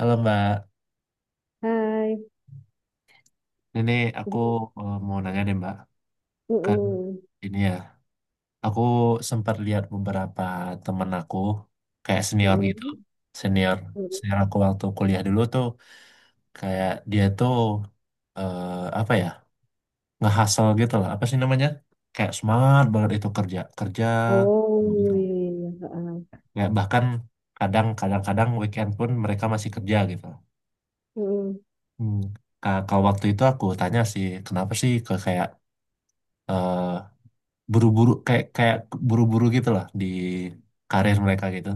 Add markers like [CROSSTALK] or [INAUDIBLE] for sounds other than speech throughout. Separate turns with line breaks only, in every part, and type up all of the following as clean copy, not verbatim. Halo Mbak,
Hai,
ini aku
Di-
mau nanya deh Mbak, kan
Mm-mm.
ini ya, aku sempat lihat beberapa temen aku, kayak senior gitu,
Mm-mm.
senior,
Mm-mm.
senior aku waktu kuliah dulu tuh, kayak dia tuh, eh, apa ya, ngehasil gitu lah, apa sih namanya, kayak semangat banget itu kerja, kerja,
Oh
gitu.
iya, iya, iya. Ha-ha.
Kayak bahkan kadang-kadang-kadang weekend pun mereka masih kerja gitu.
Mm-mm.
Hmm. Kalau waktu itu aku tanya sih, kenapa sih ke kayak eh, buru-buru kayak kayak buru-buru gitu lah di karir mereka gitu.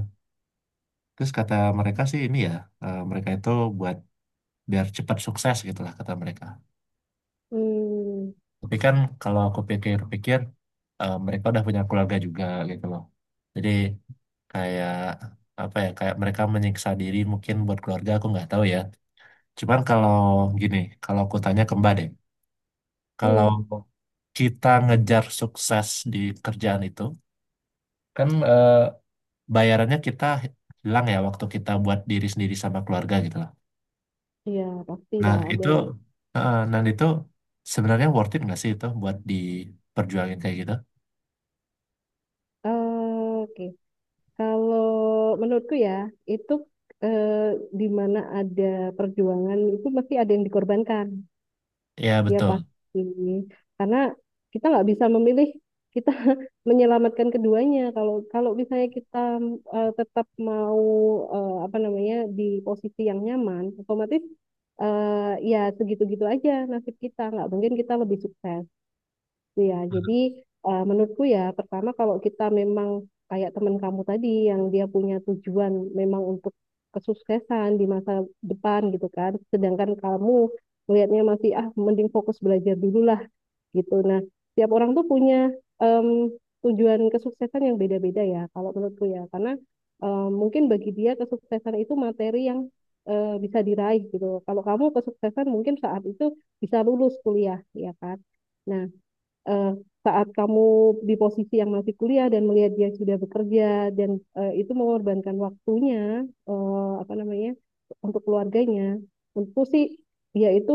Terus kata mereka sih ini ya, mereka itu buat biar cepat sukses gitu lah kata mereka.
Mm.
Tapi kan kalau aku pikir-pikir, mereka udah punya keluarga juga gitu loh. Jadi kayak apa ya, kayak mereka menyiksa diri mungkin buat keluarga aku nggak tahu ya. Cuman kalau gini, kalau aku tanya ke Mbak deh, kalau
Mm-mm.
kita ngejar sukses di kerjaan itu, kan bayarannya kita hilang ya waktu kita buat diri sendiri sama keluarga gitu lah.
Iya,
Nah
pastilah ada
itu,
lah.
nah itu sebenarnya worth it nggak sih itu buat diperjuangin kayak gitu?
Oke, kalau menurutku ya itu eh, di mana ada perjuangan itu mesti ada yang dikorbankan.
Ya
Ya
betul,
pasti. Karena kita nggak bisa memilih kita [LAUGHS] menyelamatkan keduanya. Kalau kalau misalnya kita tetap mau, apa namanya, di posisi yang nyaman, otomatis, eh, ya segitu-gitu aja nasib kita. Nggak mungkin kita lebih sukses. Iya, jadi menurutku ya, pertama kalau kita memang kayak teman kamu tadi yang dia punya tujuan memang untuk kesuksesan di masa depan gitu kan, sedangkan kamu melihatnya masih ah mending fokus belajar dulu lah gitu. Nah, tiap orang tuh punya em, tujuan kesuksesan yang beda-beda ya kalau menurutku ya, karena mungkin bagi dia kesuksesan itu materi yang bisa diraih gitu. Kalau kamu kesuksesan mungkin saat itu bisa lulus kuliah, ya kan? Nah, eh, saat kamu di posisi yang masih kuliah dan melihat dia sudah bekerja dan itu mengorbankan waktunya, apa namanya, untuk keluarganya, tentu sih ya itu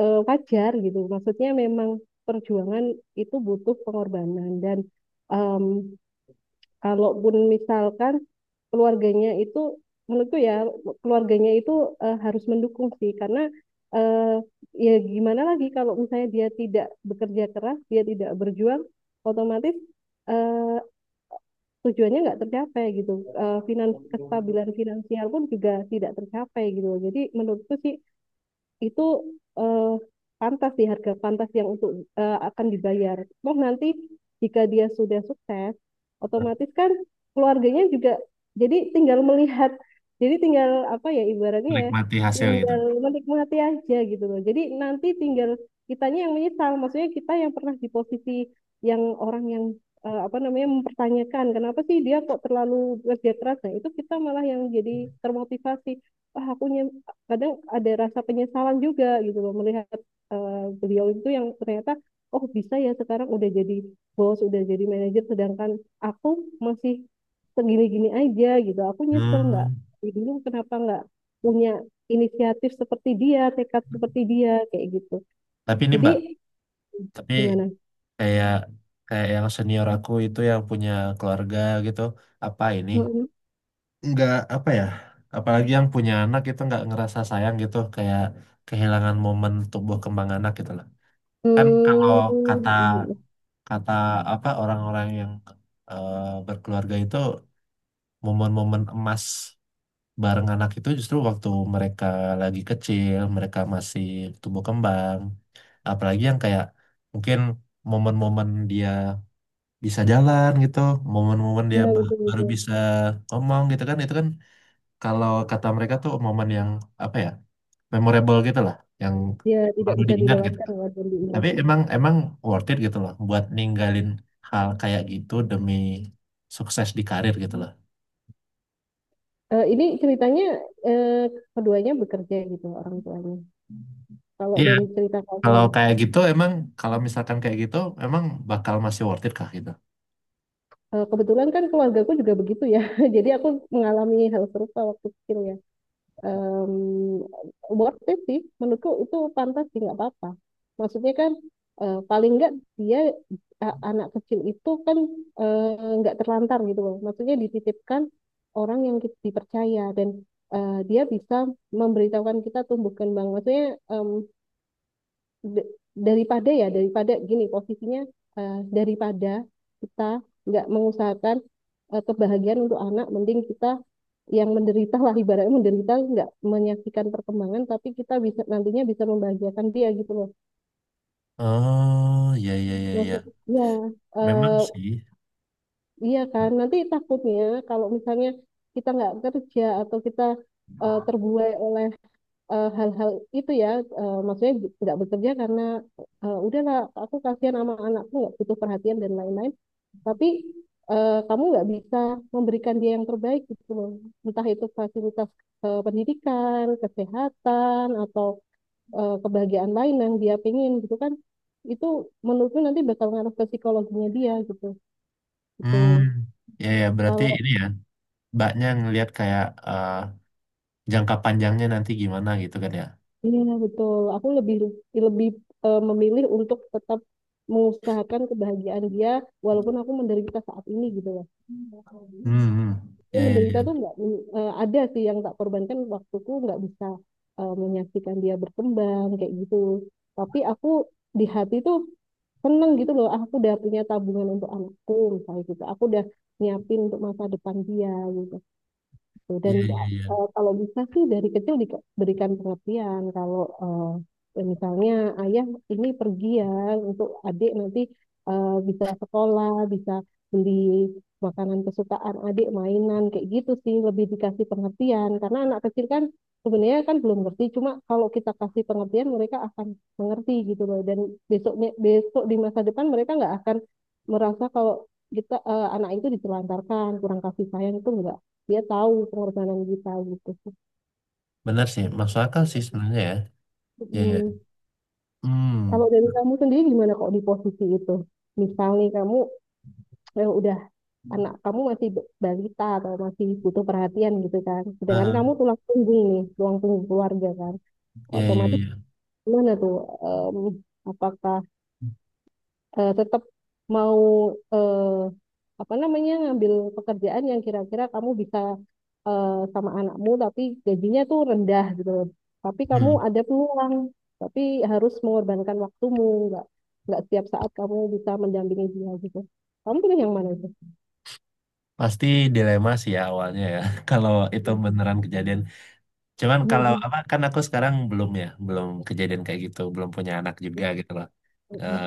wajar gitu, maksudnya memang perjuangan itu butuh pengorbanan dan um, kalaupun misalkan keluarganya itu, menurutku ya, keluarganya itu harus mendukung sih karena eh, ya gimana lagi kalau misalnya dia tidak bekerja keras, dia tidak berjuang, otomatis eh, tujuannya nggak tercapai gitu. Eh, finans kestabilan finansial pun juga tidak tercapai gitu. Jadi menurutku sih itu eh, pantas sih, harga pantas yang untuk akan dibayar. Toh nanti jika dia sudah sukses, otomatis kan keluarganya juga jadi tinggal melihat, jadi tinggal apa ya ibaratnya ya,
menikmati hasil gitu.
tinggal menikmati aja gitu loh. Jadi nanti tinggal kitanya yang menyesal, maksudnya kita yang pernah di posisi yang orang yang apa namanya mempertanyakan kenapa sih dia kok terlalu kerja keras. Nah, itu kita malah yang jadi termotivasi. Wah, kadang ada rasa penyesalan juga gitu loh melihat eh, beliau itu yang ternyata oh bisa ya sekarang udah jadi bos udah jadi manajer sedangkan aku masih segini-gini aja gitu, aku nyesel nggak
Hmm.
dulu kenapa nggak punya inisiatif seperti dia, tekad seperti dia kayak gitu.
Tapi ini
Jadi
Mbak, tapi
gimana?
kayak kayak yang senior aku itu yang punya keluarga gitu, apa ini?
Mm-mm.
Nggak apa ya? Apalagi yang punya anak itu nggak ngerasa sayang gitu, kayak kehilangan momen tumbuh kembang anak gitu loh. Kan kalau kata
Hmm,
kata apa orang-orang yang eh, berkeluarga itu momen-momen emas bareng anak itu justru waktu mereka lagi kecil, mereka masih tumbuh kembang, apalagi yang kayak mungkin momen-momen dia bisa jalan gitu, momen-momen dia
ya
baru
betul-betul.
bisa ngomong gitu kan, itu kan kalau kata mereka tuh momen yang apa ya, memorable gitu lah, yang
Ya tidak
selalu
bisa
diingat gitu.
dilewatkan walaupun diulang.
Tapi emang emang worth it gitu loh buat ninggalin hal kayak gitu demi sukses di karir gitu loh.
Eh, ini ceritanya eh, keduanya bekerja gitu orang tuanya. Kalau
Iya,
dari cerita kamu,
kalau kayak gitu emang kalau misalkan kayak gitu emang bakal masih worth it kah gitu?
eh, kebetulan kan keluargaku juga begitu ya. [LAUGHS] Jadi aku mengalami hal serupa waktu kecil ya. Em, Worth it sih, menurutku itu pantas sih nggak apa-apa. Maksudnya kan paling nggak dia anak kecil itu kan nggak terlantar gitu loh. Maksudnya dititipkan orang yang dipercaya dan dia bisa memberitahukan kita tumbuh kembang. Maksudnya em, d- daripada ya daripada gini posisinya daripada kita nggak mengusahakan kebahagiaan untuk anak, mending kita yang menderita lah ibaratnya, menderita nggak menyaksikan perkembangan tapi kita bisa nantinya bisa membahagiakan dia gitu loh,
Oh, iya iya iya iya.
maksudnya
Memang
eh,
sih.
iya kan nanti takutnya kalau misalnya kita nggak kerja atau kita terbuai oleh hal-hal itu ya, maksudnya nggak bekerja karena udahlah aku kasihan sama anakku nggak butuh perhatian dan lain-lain tapi kamu nggak bisa memberikan dia yang terbaik gitu loh, entah itu fasilitas pendidikan kesehatan atau kebahagiaan lain yang dia pengen gitu kan, itu menurutku nanti bakal ngaruh ke psikologinya dia gitu gitu
Hmm, ya ya berarti
kalau.
ini ya, mbaknya ngelihat kayak eh, jangka panjangnya nanti gimana gitu kan ya.
Iya betul. Aku lebih lebih memilih untuk tetap mengusahakan kebahagiaan dia walaupun aku menderita saat ini gitu loh.
Hmm, hmm.
Ini
Ya ya ya
menderita tuh nggak ada sih yang tak korbankan waktuku nggak bisa menyaksikan dia berkembang kayak gitu. Tapi aku di hati tuh seneng gitu loh. Ah, aku udah punya tabungan untuk anakku misalnya gitu. Aku udah nyiapin untuk masa depan dia. Gitu gitu.
ya
Dan
ya ya.
kalau bisa sih dari kecil diberikan pengertian kalau eh, ya misalnya ayah ini pergi ya untuk adik nanti bisa sekolah, bisa beli makanan kesukaan adik, mainan kayak gitu sih lebih dikasih pengertian karena anak kecil kan sebenarnya kan belum ngerti, cuma kalau kita kasih pengertian mereka akan mengerti gitu loh, dan besoknya besok di masa depan mereka nggak akan merasa kalau kita eh, anak itu ditelantarkan kurang kasih sayang itu enggak, dia tahu pengorbanan kita gitu.
Benar sih, masuk akal sih sebenarnya ya. Ya ya.
Mm.
Hmm.
Kalau dari kamu sendiri gimana kok di posisi itu? Misalnya kamu udah anak kamu masih balita atau masih butuh perhatian gitu kan. Sedangkan
Ah,
kamu tulang punggung nih, tulang punggung keluarga kan.
ya ya
Otomatis
ya.
gimana tuh? Em, Apakah tetap mau, eh, apa namanya, ngambil pekerjaan yang kira-kira kamu bisa eh, sama anakmu tapi gajinya tuh rendah gitu loh. Tapi kamu
Hmm.
ada peluang, tapi harus mengorbankan waktumu, nggak nggak setiap saat kamu bisa mendampingi dia gitu. Kamu pilih yang mana itu?
Pasti dilema sih ya awalnya ya, [LAUGHS] kalau itu
Iya,
beneran kejadian. Cuman
iya.
kalau
Mm-mm.
apa, kan aku sekarang belum ya, belum kejadian kayak gitu, belum punya anak juga gitu loh. Eh,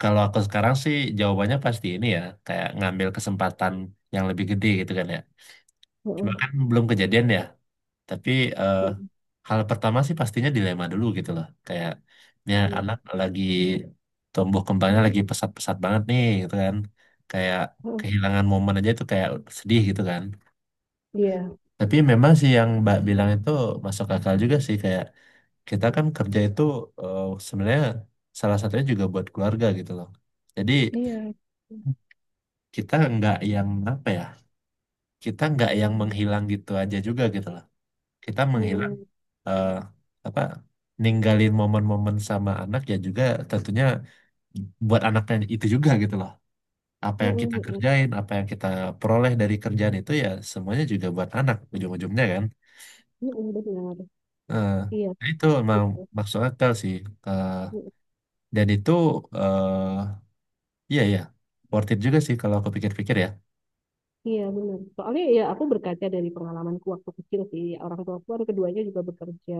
Kalau aku sekarang sih jawabannya pasti ini ya, kayak ngambil kesempatan yang lebih gede gitu kan ya.
Mm-mm.
Cuma kan
Mm-mm.
belum kejadian ya, tapi eh, hal pertama sih pastinya dilema dulu gitu loh. Kayak, ya anak lagi tumbuh kembangnya lagi pesat-pesat banget nih gitu kan. Kayak kehilangan momen aja itu kayak sedih gitu kan,
Benar.
tapi memang sih yang Mbak bilang itu masuk akal juga sih kayak kita kan kerja itu sebenarnya salah satunya juga buat keluarga gitu loh. Jadi
Iya,
kita nggak yang apa ya? Kita nggak yang menghilang gitu aja juga gitu loh. Kita menghilang eh, apa? Ninggalin momen-momen sama anak ya juga tentunya buat anaknya itu juga gitu loh. Apa yang kita kerjain, apa yang kita peroleh dari kerjaan itu ya semuanya juga buat anak ujung-ujungnya kan. eh, nah itu emang
gitu.
maksud akal sih. Eh, dan itu eh iya ya worth it juga sih kalau aku pikir-pikir ya.
Iya benar. Soalnya ya aku berkaca dari pengalamanku waktu kecil sih. Orang tua aku kan keduanya juga bekerja.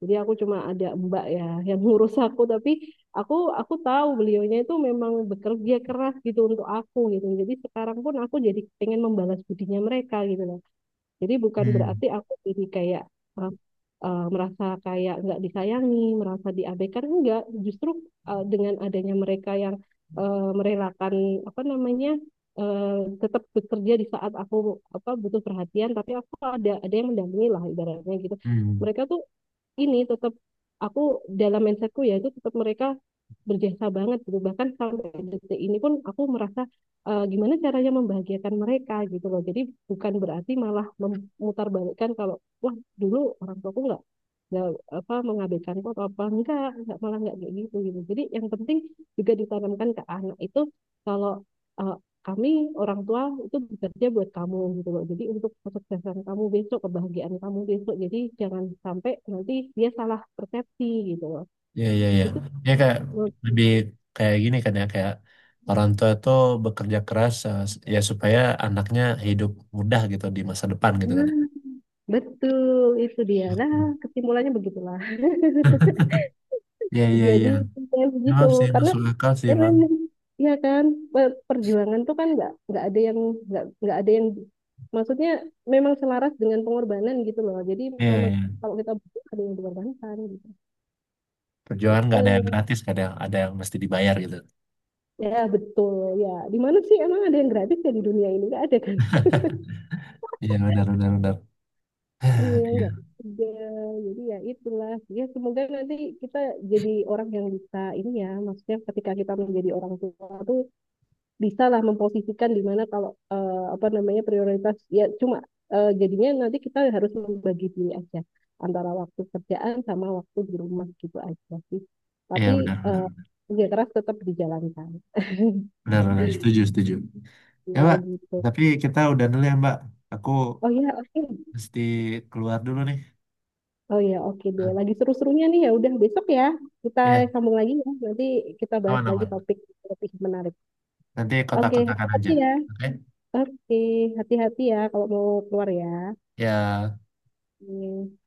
Jadi aku cuma ada mbak ya [LAUGHS] yang ngurus aku. Tapi aku aku tahu beliaunya itu memang bekerja keras gitu untuk aku gitu. Jadi sekarang pun aku jadi pengen membalas budinya mereka gitu. Jadi bukan
Hmm.
berarti aku jadi kayak eh, merasa kayak nggak disayangi, merasa diabaikan enggak. Justru dengan adanya mereka yang merelakan apa namanya eh, tetap bekerja di saat aku apa butuh perhatian, tapi aku ada yang mendampingi lah ibaratnya gitu.
Hmm.
Mereka tuh ini tetap aku dalam mindsetku ya itu tetap mereka berjasa banget gitu, bahkan sampai detik ini pun aku merasa gimana caranya membahagiakan mereka gitu loh. Jadi bukan berarti malah memutarbalikkan kalau wah dulu orang tuaku nggak apa mengabaikanku atau apa enggak malah nggak kayak gitu gitu. Jadi yang penting juga ditanamkan ke anak itu kalau eh, kami orang tua itu bekerja buat kamu gitu loh. Jadi untuk kesuksesan kamu besok, kebahagiaan kamu besok. Jadi jangan sampai nanti dia salah persepsi gitu loh.
Iya iya iya.
Gitu.
Ya kayak lebih kayak gini kan ya kayak orang tua tuh bekerja keras ya supaya anaknya hidup mudah gitu di masa depan gitu kan. Ya.
Nah, betul itu dia. Nah, kesimpulannya begitulah. [LAUGHS]
Iya iya
Jadi
iya.
kayak begitu
Memang sih
karena
masuk akal sih
emang
emang.
ya kan, perjuangan tuh kan nggak ada yang maksudnya memang selaras dengan pengorbanan gitu loh. Jadi
Iya
memang
iya.
kalau kita butuh ada yang dikorbankan gitu.
Perjuangan nggak ada
Gitu.
yang gratis, kadang ada yang mesti dibayar gitu.
Ya, betul. Ya, di mana sih emang ada yang gratis ya di dunia ini? Nggak ada kan? [LAUGHS]
Iya benar benar benar.
Iya,
[SIGHS] Iya
nggak ada. Jadi ya itulah. Ya, semoga nanti kita jadi orang yang bisa ini ya. Maksudnya ketika kita menjadi orang tua tuh bisa lah memposisikan di mana kalau eh, apa namanya prioritas ya, cuma jadinya nanti kita harus membagi diri aja antara waktu kerjaan sama waktu di rumah gitu aja sih.
iya
Tapi
benar
eh,
benar.
kerja keras tetap dijalankan.
Benar-benar setuju, setuju. Ya,
Ya
Mbak.
gitu.
Tapi kita udah dulu ya, Mbak. Aku
Oh ya, oke.
mesti keluar dulu nih.
Oh ya, oke deh. Lagi seru-serunya nih ya. Udah besok ya kita
Ya,
sambung lagi ya. Nanti kita bahas lagi
aman-aman.
topik topik menarik.
Nanti
Oke,
kontak-kontakan
hati-hati
aja.
ya.
Oke?
Oke, hati-hati ya kalau mau keluar ya.
Ya.
Oke.